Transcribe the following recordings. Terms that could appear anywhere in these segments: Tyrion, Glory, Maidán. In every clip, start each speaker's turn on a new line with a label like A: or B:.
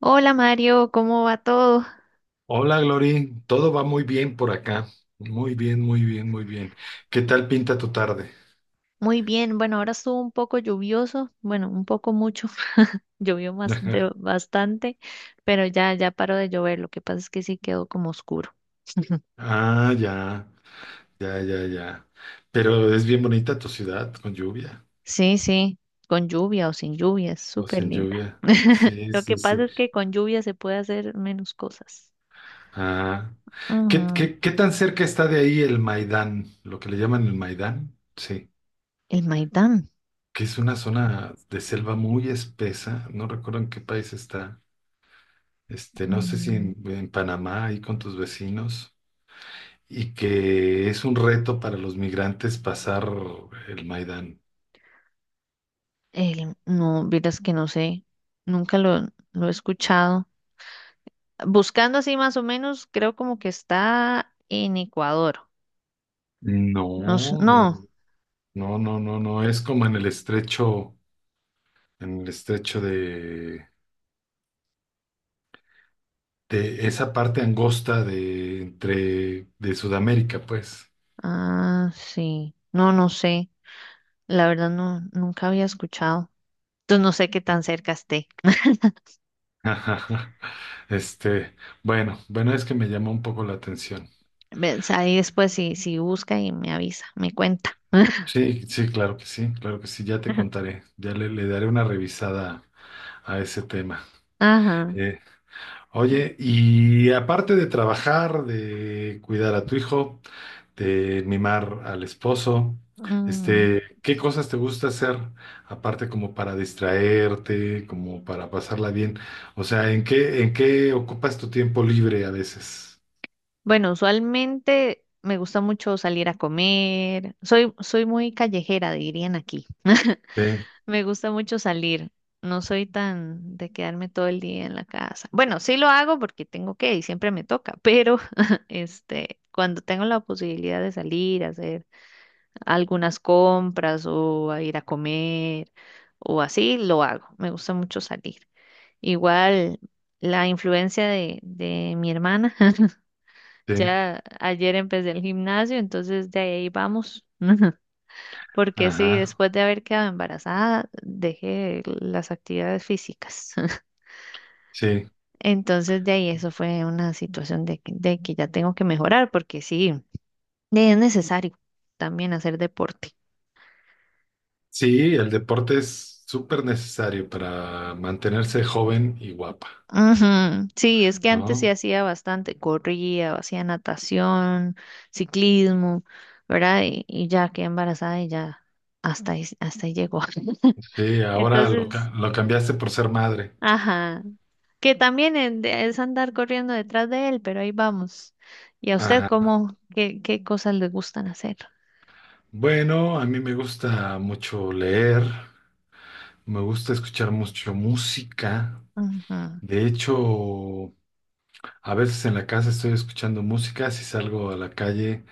A: Hola Mario, ¿cómo va todo?
B: Hola, Glory. Todo va muy bien por acá. Muy bien, muy bien, muy bien. ¿Qué tal pinta tu tarde?
A: Muy bien, bueno, ahora estuvo un poco lluvioso, bueno, un poco mucho, llovió más de
B: Ajá.
A: bastante, pero ya paró de llover, lo que pasa es que sí quedó como oscuro.
B: Ah, ya, ya, ya, ya. Pero es bien bonita tu ciudad con lluvia
A: Sí, sí, con lluvia o sin lluvia, es
B: o
A: súper
B: sin
A: linda.
B: lluvia. Sí,
A: Lo que
B: sí,
A: pasa
B: sí.
A: es que con lluvia se puede hacer menos cosas.
B: Ah, ¿qué,
A: Ujú.
B: qué, qué tan cerca está de ahí el Maidán? Lo que le llaman el Maidán. Sí,
A: El Maidán,
B: que es una zona de selva muy espesa. No recuerdo en qué país está. No sé si
A: mm,
B: en Panamá, ahí con tus vecinos. Y que es un reto para los migrantes pasar el Maidán.
A: el no, vieras que no sé, nunca lo he escuchado. Buscando así más o menos, creo como que está en Ecuador.
B: No,
A: No, no.
B: no, no, no, no, no, es como en el estrecho de esa parte angosta de entre de Sudamérica, pues.
A: Ah, sí. No, no sé. La verdad no, nunca había escuchado. Entonces no sé qué tan cerca esté.
B: Este, bueno, bueno, es que me llamó un poco la atención.
A: Ves, ahí después si, si busca y me avisa, me cuenta.
B: Sí, sí, claro que sí, claro que sí, ya te contaré, ya le daré una revisada a ese tema.
A: Ajá.
B: Eh, Oye, y aparte de trabajar, de cuidar a tu hijo, de mimar al esposo,
A: Mm,
B: ¿qué cosas te gusta hacer aparte como para distraerte, como para pasarla bien? O sea, ¿en qué ocupas tu tiempo libre a veces?
A: bueno, usualmente me gusta mucho salir a comer. Soy muy callejera, dirían aquí.
B: Sí,
A: Me gusta mucho salir. No soy tan de quedarme todo el día en la casa. Bueno, sí lo hago porque tengo que y siempre me toca, pero este, cuando tengo la posibilidad de salir a hacer algunas compras o a ir a comer o así, lo hago. Me gusta mucho salir. Igual la influencia de mi hermana.
B: sí,
A: Ya ayer empecé el gimnasio, entonces de ahí vamos. Porque sí,
B: ajá,
A: después de haber quedado embarazada, dejé las actividades físicas.
B: sí.
A: Entonces, de ahí eso fue una situación de, de que ya tengo que mejorar, porque sí, es necesario también hacer deporte.
B: Sí, el deporte es súper necesario para mantenerse joven y guapa,
A: Ujú. Sí, es que antes sí
B: ¿no?
A: hacía bastante, corría, hacía natación, ciclismo, ¿verdad? Y ya quedé embarazada y ya hasta ahí llegó.
B: Sí, ahora
A: Entonces,
B: lo cambiaste por ser madre.
A: ajá. Que también es andar corriendo detrás de él, pero ahí vamos. ¿Y a usted cómo, qué cosas le gustan hacer?
B: Bueno, a mí me gusta mucho leer, me gusta escuchar mucho música.
A: Ajá.
B: De hecho, a veces en la casa estoy escuchando música, si salgo a la calle.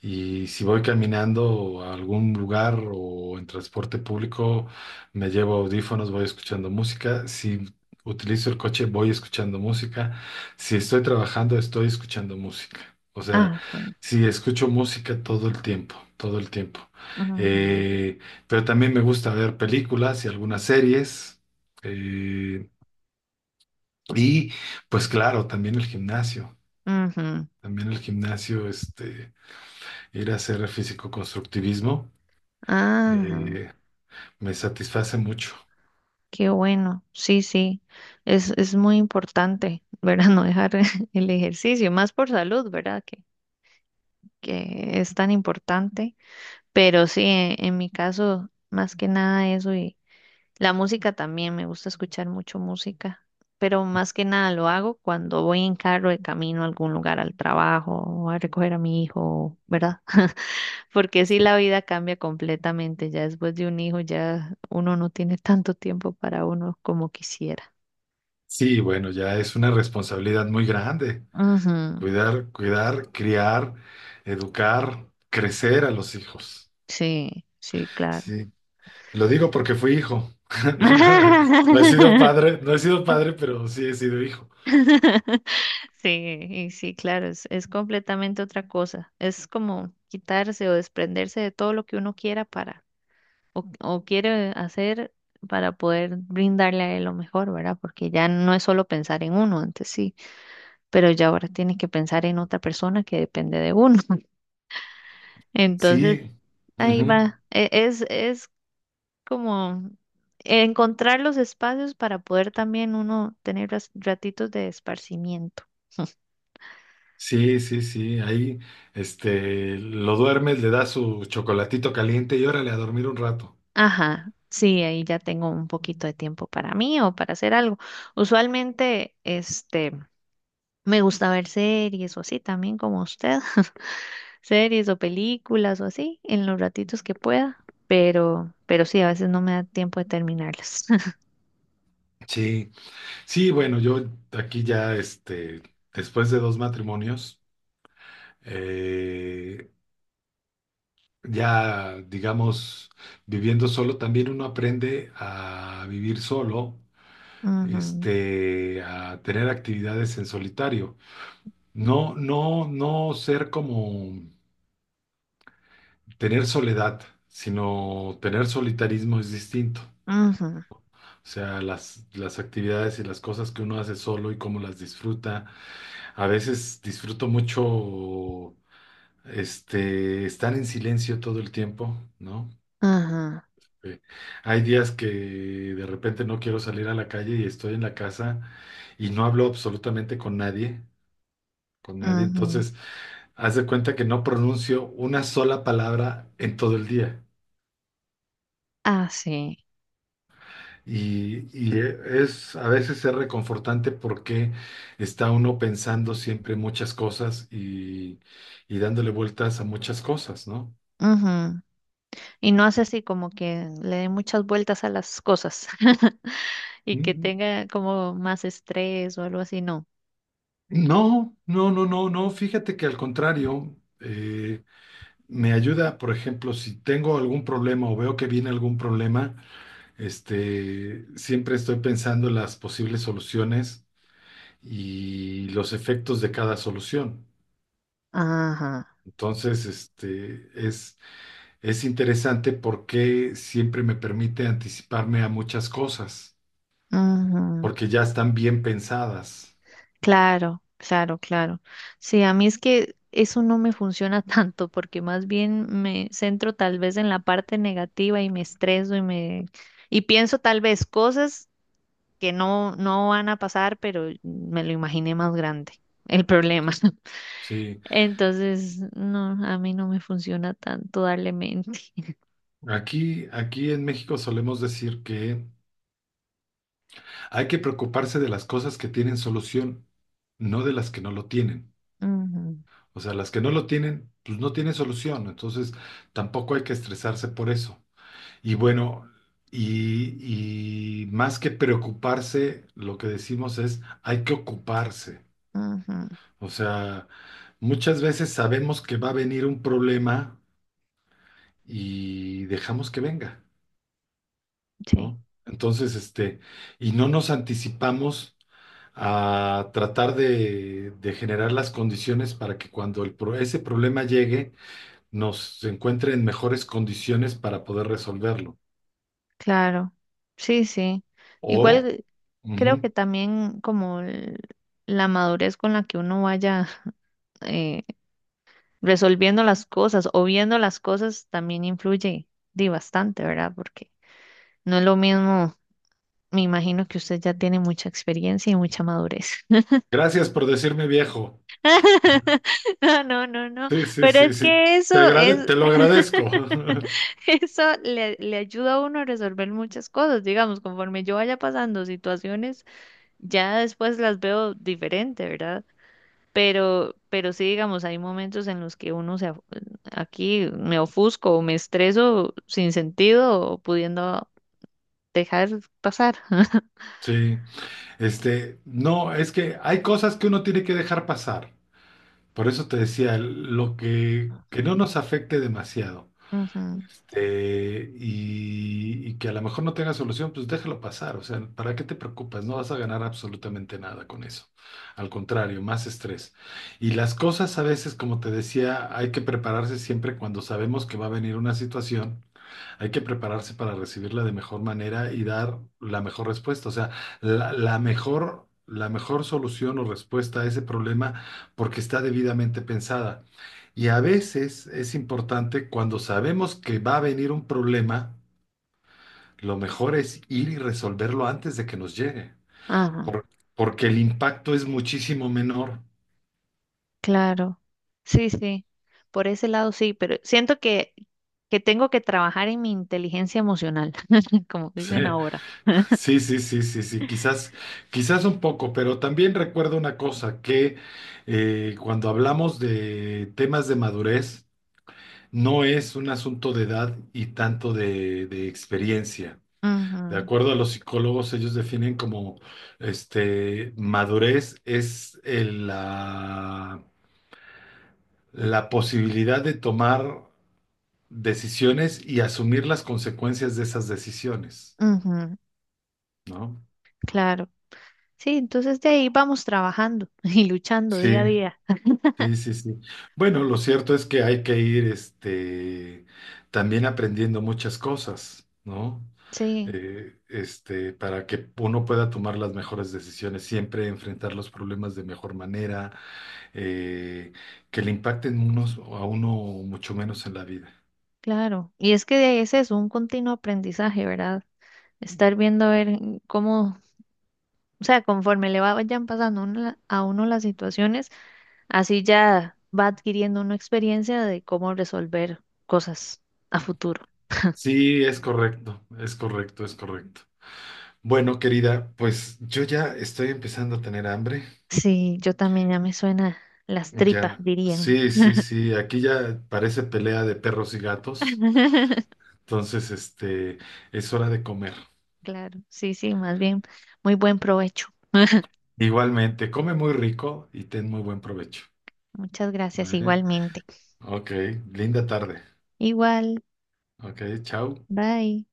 B: Y si voy caminando a algún lugar o en transporte público, me llevo audífonos, voy escuchando música. Si utilizo el coche, voy escuchando música. Si estoy trabajando, estoy escuchando música. O sea,
A: Ah, sí.
B: sí, escucho música todo el tiempo, todo el tiempo.
A: Ajá.
B: Eh, pero también me gusta ver películas y algunas series. Eh, y pues claro, también el gimnasio.
A: Ajá.
B: También el gimnasio, ir a hacer físico-constructivismo.
A: Ajá.
B: Eh, Me satisface mucho.
A: Qué bueno. Sí, sí. Es muy importante, ¿verdad? No dejar el ejercicio, más por salud, ¿verdad? Que es tan importante. Pero sí, en mi caso, más que nada eso. La música también, me gusta escuchar mucho música, pero más que nada lo hago cuando voy en carro de camino a algún lugar, al trabajo, o a recoger a mi hijo, ¿verdad? Porque sí,
B: Sí,
A: la vida cambia completamente. Ya después de un hijo, ya uno no tiene tanto tiempo para uno como quisiera.
B: sí, bueno, ya es una responsabilidad muy grande.
A: Ujú.
B: Cuidar, criar, educar, crecer a los hijos.
A: Sí, sí, claro.
B: Sí, lo digo porque fui hijo. No he sido padre, pero sí he sido hijo.
A: Sí, y sí, claro, es completamente otra cosa. Es como quitarse o desprenderse de todo lo que uno quiera para o quiere hacer para poder brindarle a él lo mejor, ¿verdad? Porque ya no es solo pensar en uno, antes sí, pero ya ahora tienes que pensar en otra persona que depende de uno. Entonces,
B: Sí,
A: ahí
B: ujú.
A: va. Es como encontrar los espacios para poder también uno tener ratitos de esparcimiento.
B: Sí, sí, sí. Ahí, lo duermes, le das su chocolatito caliente y órale a dormir un rato.
A: Ajá. Sí, ahí ya tengo un poquito de tiempo para mí o para hacer algo. Usualmente, me gusta ver series o así también como usted. Series o películas o así en los ratitos que pueda, pero sí, a veces no me da tiempo de terminarlas.
B: Sí. Sí, bueno, yo aquí ya, después de dos matrimonios, eh, ya, digamos, viviendo solo, también uno aprende a vivir solo,
A: Ujú,
B: a tener actividades en solitario. No, no, no ser como tener soledad, sino tener solitarismo es distinto.
A: ujú,
B: O sea, las actividades y las cosas que uno hace solo y cómo las disfruta. A veces disfruto mucho estar en silencio todo el tiempo, ¿no?
A: ujú,
B: Eh, Hay días que de repente no quiero salir a la calle y estoy en la casa y no hablo absolutamente con nadie, con nadie.
A: ujú.
B: Entonces, haz de cuenta que no pronuncio una sola palabra en todo el día.
A: Ah, sí.
B: Es a veces es reconfortante porque está uno pensando siempre muchas cosas y dándole vueltas a muchas cosas, ¿no?
A: Ujú. Y no hace así como que le dé muchas vueltas a las cosas y que tenga como más estrés o algo así, no.
B: No, no, no, no, no. Fíjate que al contrario, eh, me ayuda, por ejemplo, si tengo algún problema o veo que viene algún problema, siempre estoy pensando en las posibles soluciones y los efectos de cada solución.
A: Ajá.
B: Entonces, es interesante porque siempre me permite anticiparme a muchas cosas,
A: Ujú.
B: porque ya están bien pensadas.
A: Claro, claro, claro. Sí, a mí es que eso no me funciona tanto porque más bien me centro tal vez en la parte negativa y me estreso y pienso tal vez cosas que no van a pasar, pero me lo imaginé más grande el problema.
B: Sí,
A: Entonces, no, a mí no me funciona tanto darle mente.
B: aquí en México solemos decir que hay que preocuparse de las cosas que tienen solución, no de las que no lo tienen.
A: Ujú,
B: O sea, las que no lo tienen, pues no tienen solución. Entonces, tampoco hay que estresarse por eso. Y bueno, y más que preocuparse, lo que decimos es, hay que ocuparse.
A: ujú,
B: O sea, muchas veces sabemos que va a venir un problema y dejamos que venga,
A: sí,
B: ¿no? Entonces, y no nos anticipamos a tratar de generar las condiciones para que cuando ese problema llegue, nos encuentre en mejores condiciones para poder resolverlo.
A: claro. Sí, sí.
B: O,
A: Igual creo que
B: ujú.
A: también la madurez con la que uno vaya eh, resolviendo las cosas o viendo las cosas también influye di, bastante, ¿verdad? Porque no es lo mismo, me imagino que usted ya tiene mucha experiencia y mucha madurez.
B: Gracias por decirme viejo.
A: No, no, no, no,
B: Sí, sí,
A: pero
B: sí,
A: es
B: sí.
A: que eso es,
B: Te lo agradezco.
A: eso le ayuda a uno a resolver muchas cosas, digamos, conforme yo vaya pasando situaciones, ya después las veo diferente, ¿verdad? Pero sí, digamos, hay momentos en los que uno se, aquí me ofusco o me estreso sin sentido o pudiendo dejar pasar.
B: Sí, no, es que hay cosas que uno tiene que dejar pasar. Por eso te decía, que no nos afecte demasiado.
A: Ujú,
B: Y que a lo mejor no tenga solución, pues déjalo pasar. O sea, ¿para qué te preocupas? No vas a ganar absolutamente nada con eso. Al contrario, más estrés. Y las cosas a veces, como te decía, hay que prepararse siempre cuando sabemos que va a venir una situación, hay que prepararse para recibirla de mejor manera y dar la mejor respuesta, o sea, la mejor solución o respuesta a ese problema porque está debidamente pensada. Y a veces es importante cuando sabemos que va a venir un problema, lo mejor es ir y resolverlo antes de que nos llegue,
A: ajá,
B: por- porque el impacto es muchísimo menor.
A: claro. Sí, sí. Por ese lado sí, pero siento que tengo que trabajar en mi inteligencia emocional, como
B: Sí.
A: dicen ahora.
B: Sí, sí, sí, sí, sí, quizás, quizás un poco, pero también recuerdo una cosa, que cuando hablamos de temas de madurez, no es un asunto de edad y tanto de experiencia. De acuerdo a los psicólogos, ellos definen como madurez es la posibilidad de tomar decisiones y asumir las consecuencias de esas decisiones,
A: Ujú, ujú,
B: ¿no?
A: claro. Sí, entonces de ahí vamos trabajando y luchando día
B: Sí,
A: a día.
B: sí, sí, sí. Bueno, lo cierto es que hay que ir, también aprendiendo muchas cosas, ¿no?
A: Sí.
B: Para que uno pueda tomar las mejores decisiones, siempre enfrentar los problemas de mejor manera, eh, que le impacten unos a uno mucho menos en la vida.
A: Claro, y es que ese es un continuo aprendizaje, ¿verdad? Estar viendo a ver cómo, o sea, conforme le vayan pasando uno a uno las situaciones, así ya va adquiriendo una experiencia de cómo resolver cosas a futuro.
B: Sí, es correcto, es correcto, es correcto. Bueno, querida, pues yo ya estoy empezando a tener hambre.
A: Sí, yo también ya me suena las tripas,
B: Ya,
A: dirían.
B: sí, sí, sí, aquí ya parece pelea de perros y gatos. Entonces, es hora de comer.
A: Claro, sí, sí, más bien, muy buen provecho.
B: Igualmente, come muy rico y ten muy buen provecho.
A: Muchas gracias
B: ¿Eh?
A: igualmente.
B: Ok, linda tarde.
A: Igual,
B: Ok, chao.
A: bye.